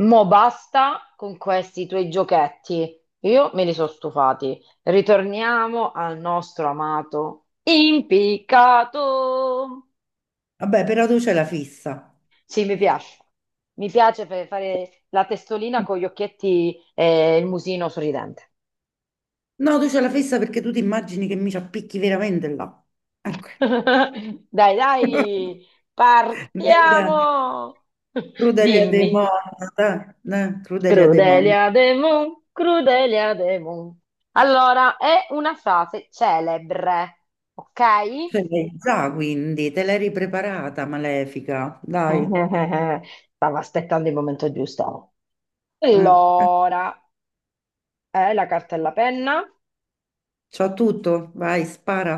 Mo basta con questi tuoi giochetti. Io me li sono stufati. Ritorniamo al nostro amato impiccato. Vabbè, però tu c'è la fissa. Sì, mi piace. Mi piace per fare la testolina con gli occhietti e il musino sorridente. No, tu c'è la fissa perché tu ti immagini che mi ci appicchi veramente là. Ecco. Dai, dai, Dai, dai, partiamo. Crudelia De Dimmi. Mon, dai, dai, Crudelia De Mon. Crudelia Demon, Crudelia Demon. Allora, è una frase celebre, ok? Ce l'hai già, quindi, te l'eri preparata, malefica. Dai. Stavo aspettando il momento giusto. Eh. Allora, la carta e la penna C'ho tutto, vai, spara.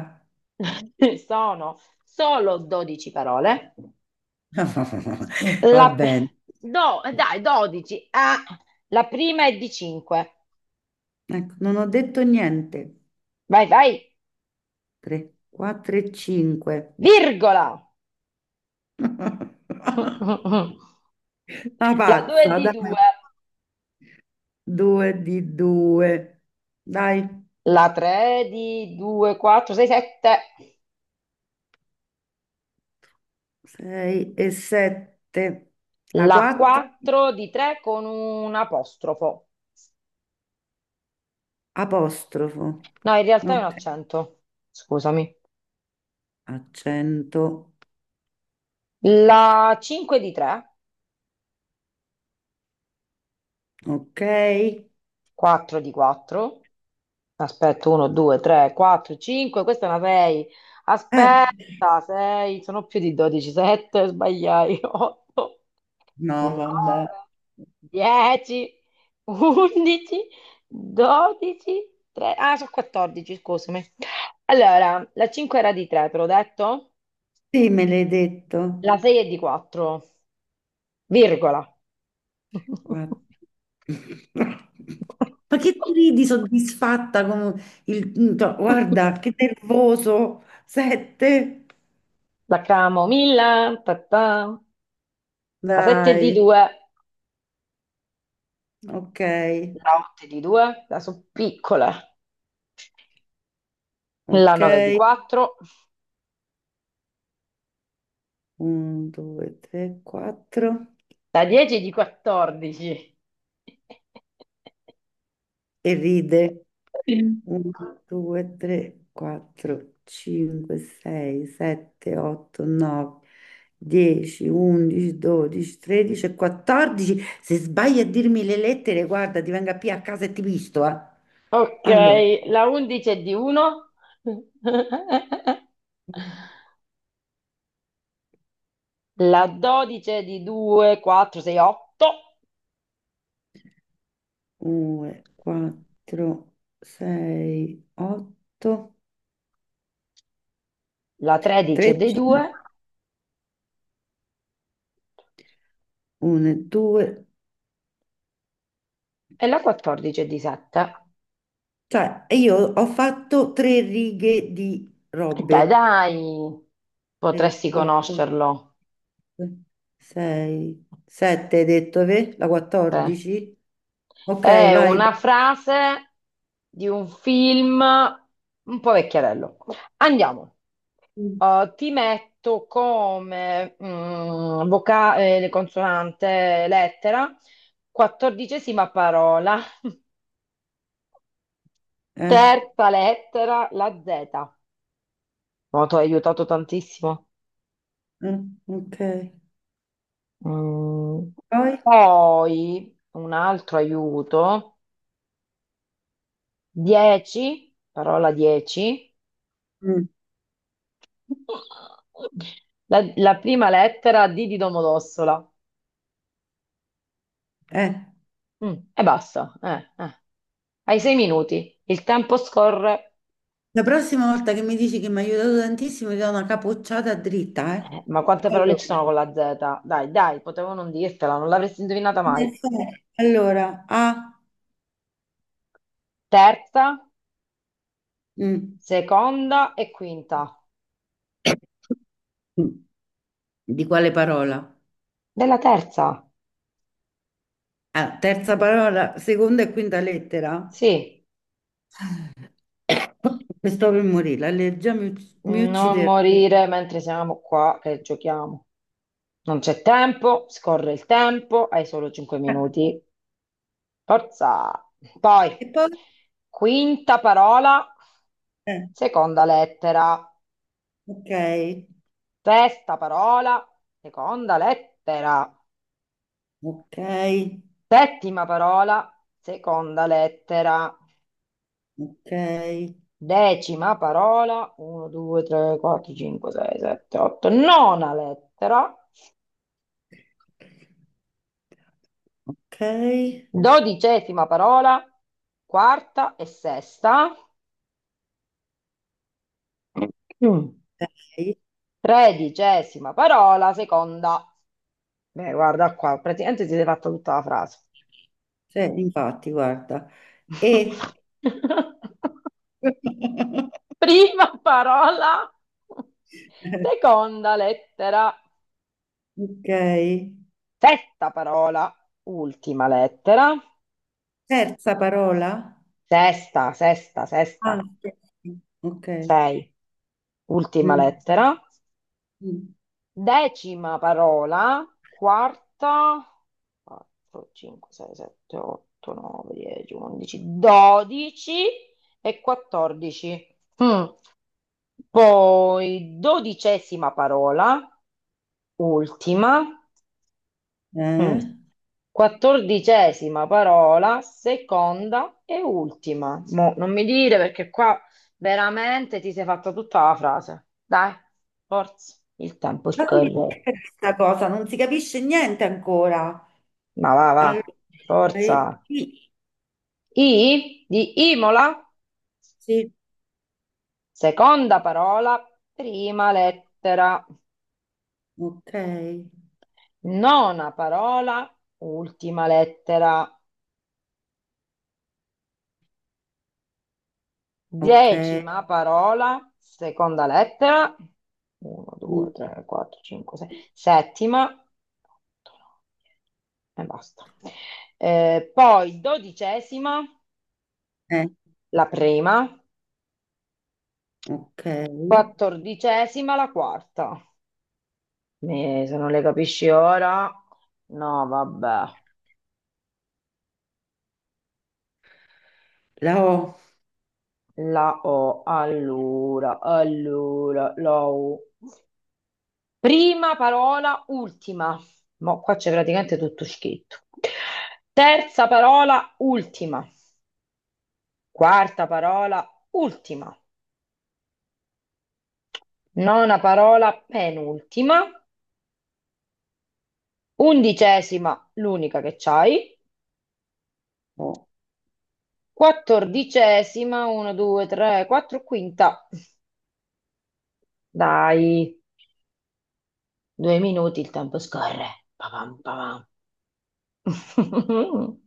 sono solo 12 parole. Va La pe- bene. dai, 12. Ah, la prima è di 5. Ecco, non ho detto niente. Vai, vai, 3, 4 e 5. virgola. Una La 2 è pazza, di dai. 2. Due di due. Dai, La 3 di 2, 4, 6, 7. sei e sette. La La quattro, 4 di 3 con un apostrofo. apostrofo. No, in realtà è un Ok, accento. Scusami. accento. La 5 di 3, Ok. 4 di 4. Aspetta, 1, 2, 3, 4, 5. Questa è una 6. Aspetta, 6. Sono più di 12, 7. Sbagliai. 8. No, 9, vabbè. 10, 11, 12, 3. Ah, sono 14, scusami. Allora, la 5 era di 3, te l'ho detto? Sì, me l'hai detto. La 6 è di 4, virgola. Quattro. Ma che ti ridi soddisfatta. Il... no, guarda, che nervoso. Sette. La camomilla, ta ta. La 7 è di Dai. 2, Ok, la 8 è di 2, la sono piccole. La ok. 9 è di 4, Un, due, tre, quattro. la 10 è di 14. E ride. Uno, due, tre, quattro, cinque, sei, sette, otto, nove, dieci, undici, dodici, tredici e quattordici. Se sbagli a dirmi le lettere, guarda, ti venga qui a casa e ti visto, eh. Ok, Allora, la 11 è di 1, la 12 è di 2, 4, 6, 8, due, quattro, sei, otto, la 13 è di tredici. 2 1, 2. e la 14 è di 7. Cioè, io ho fatto tre righe di E dai, robe. dai, 3, potresti 4, conoscerlo. 6, 7, hai detto, ve? La Sì. 14? Ok, È vai. una frase di un film un po' vecchiarello. Andiamo. Parti. Ti metto come vocale, consonante, lettera, quattordicesima parola, Eh, terza lettera, la Z. Oh, ti ho aiutato tantissimo. mm, ok. Mm. Poi? Poi un altro aiuto, 10, parola 10, Mm, la prima lettera D di Domodossola. eh. E basta. Hai 6 minuti, il tempo scorre. La prossima volta che mi dici che mi ha aiutato tantissimo, ti do una capocciata dritta, eh. Ma quante parole ci Allora, sono con la Z? Dai, dai, potevo non dirtela, non l'avresti indovinata nel mai. senso- allora, A, Terza, mm. seconda e quinta. Di quale parola? Della terza. Ah, terza parola, seconda e quinta lettera? Sì, E stavo per morire, l'allergia mi non uccideva. morire mentre siamo qua che giochiamo. Non c'è tempo, scorre il tempo, hai solo 5 minuti. Forza. Poi, E poi, quinta parola, eh, seconda lettera. ok, Sesta parola, seconda lettera. ok, Settima parola, seconda lettera. ok, Decima parola, 1, 2, 3, 4, 5, 6, 7, 8, nona lettera, ok, dodicesima parola, quarta e sesta, Mm. ok. tredicesima parola, seconda. Beh, guarda qua, praticamente si è fatta tutta la frase. Cioè, infatti, guarda, e... Prima parola, seconda lettera, Ok, sesta parola, ultima lettera, terza parola? sesta, sesta, sesta, Ah, sì. Ok. sei. Ultima Mm, lettera. mm. Decima parola, quarta, 4, 5, 6, 7, 8, 9, 10, 11, 12 e 14. Mm. Poi dodicesima parola, ultima, Mm. Eh? quattordicesima parola, seconda e ultima. Mo, non mi dire perché qua veramente ti sei fatta tutta la frase. Dai, forza, il tempo Ma come scorre. è questa cosa? Non si capisce niente ancora. Ma va, va, Allora, forza. Sì, I di Imola, sì, seconda parola, prima lettera, ok. nona parola, ultima lettera, Ok, decima parola, seconda lettera, 1, 2, mm, 3, 4, 5, 6, settima, otto, nove, 10. E basta. Poi dodicesima, eh, la prima, ok, quattordicesima, la quarta. Se non le capisci ora, no, vabbè. la La O, allora, la U. Prima parola, ultima. Mo' qua c'è praticamente tutto scritto. Terza parola, ultima. Quarta parola, ultima. Nona parola, penultima. Undicesima, l'unica che c'hai. O. Quattordicesima, 1, 2, 3, 4, quinta. Dai. 2 minuti il tempo scorre. Papam, papam.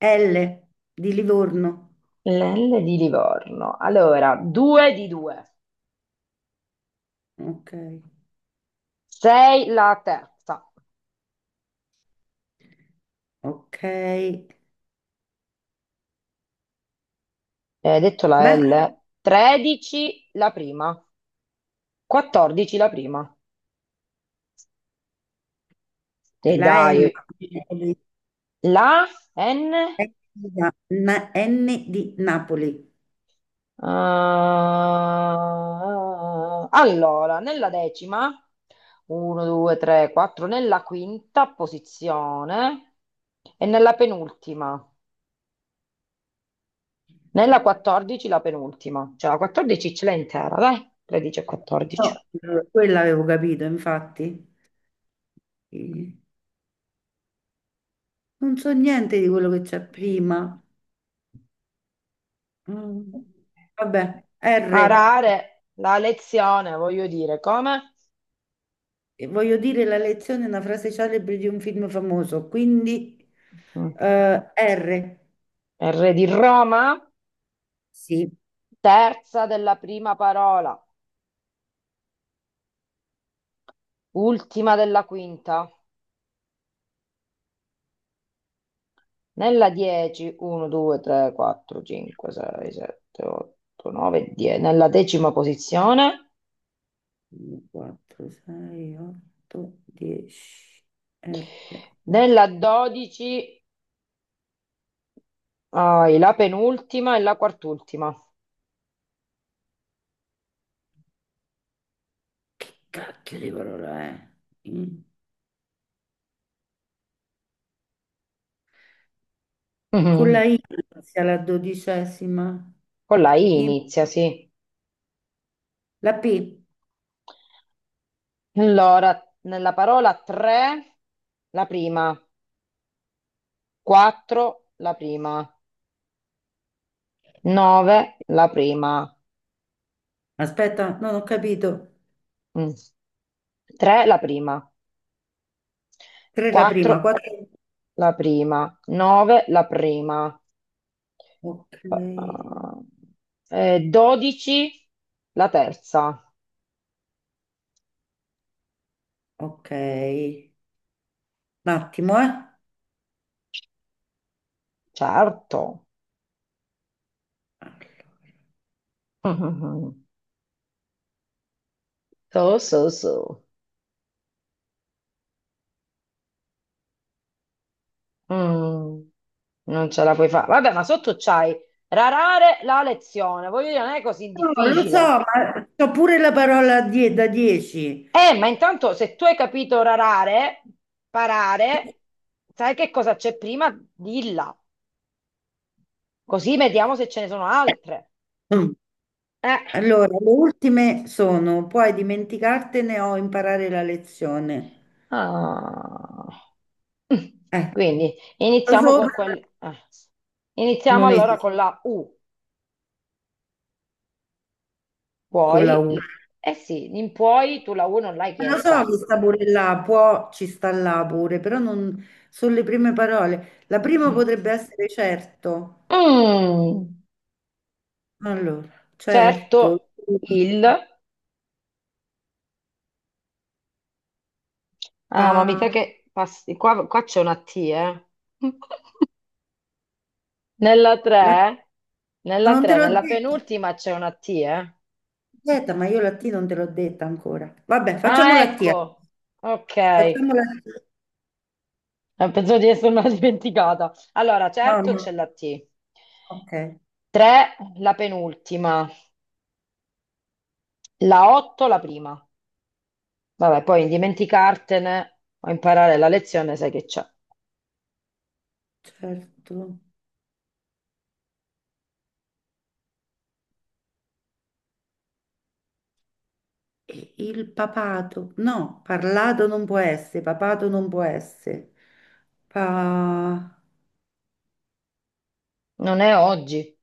L di Livorno, L'L di Livorno. Allora, due di due. ok, Sei la terza. ok, Detto la beh, L. 13 la prima. 14 la prima. E la dai, N, la N. N N di Napoli. Ah, allora, nella decima, 1, 2, 3, 4, nella quinta posizione e nella penultima. Nella 14 la penultima, cioè la 14 ce l'hai intera, dai, 13 e 14. No, quella avevo capito, infatti. Eh, non so niente di quello che c'è prima. Mm, vabbè, R. Arare, la lezione, voglio dire, come? E voglio dire, la lezione è una frase celebre di un film famoso, quindi Mm. R. R di Roma, Sì, terza della prima parola, ultima della quinta. Nella 10, 1, 2, 3, 4, 5, 6, 7, 8, 9, 10. Nella decima posizione. 4, 6, 8, 10, R. Nella 12, hai la penultima e la quartultima. Che cacchio di parola è? Mm. Con Mm. la I inizia la dodicesima. Con la I I- inizia, sì. la P. Allora, nella parola 3, la prima, 4, la prima, 9, la prima, Aspetta, non ho capito. 3, la prima, 3 la prima, 4, 4. la prima, 9, la prima, Ok, 12, la terza. ok. Un attimo, Certo. eh. Mhm. So, so, so. Mm, non ce la puoi fare. Vabbè, ma sotto c'hai rarare la lezione. Voglio dire, non è così No, lo so, difficile. ma c'ho pure la parola da 10. Ma intanto se tu hai capito rarare, parare, sai che cosa c'è prima? Dilla, così vediamo se ce ne sono altre. Eh. Allora, le ultime sono, puoi dimenticartene o imparare la lezione. Ah. Mm. Eh, Quindi lo iniziamo so, con quel. Iniziamo non allora esiste con la U. con la Puoi? U. Eh sì, in puoi tu la U non l'hai Lo so che chiesta. sta pure là, può, ci sta là pure, però non sono le prime parole. La prima potrebbe essere certo. Mm, Allora, certo, certo, il... Ah, ma mi sa pa, che... passi- Qua, qua c'è una T, eh. Nella la- 3, ma nella non te 3, l'ho nella detto. penultima c'è una T, eh? Aspetta, ma io la T non te l'ho detta ancora. Vabbè, facciamo Ah, la T, allora. ecco. Ok. Facciamo Eh, la T. Pensavo di essermela dimenticata. Allora, No, certo no. c'è la T. Ok, 3, la penultima. La 8, la prima. Vabbè, poi dimenticartene o imparare la lezione, sai che c'è. certo. E il papato. No, parlato non può essere, papato non può essere. Pa... Non è oggi,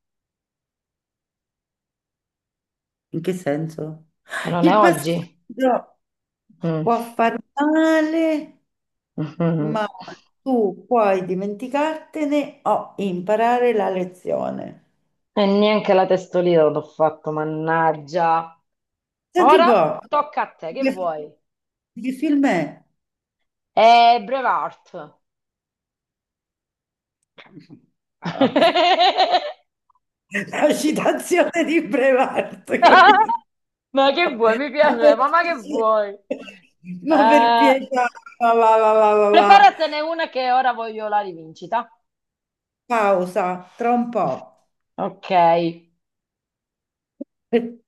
In che senso? che non è Il oggi. passaggio Mm. può far male, ma tu puoi dimenticartene o imparare la lezione. E neanche la testolina l'ho fatto, mannaggia. Senti un Ora po', tocca a te, che che, vuoi? che film è? Braveheart. Ah, vabbè, la citazione di Brevard, capito? Ma che vuoi? Mi Ma piace, per mamma che vuoi? ma per Eh, pietà, va, va, va, va, va, va. preparatene una che ora voglio la rivincita. Pausa, tra un po'. Ok.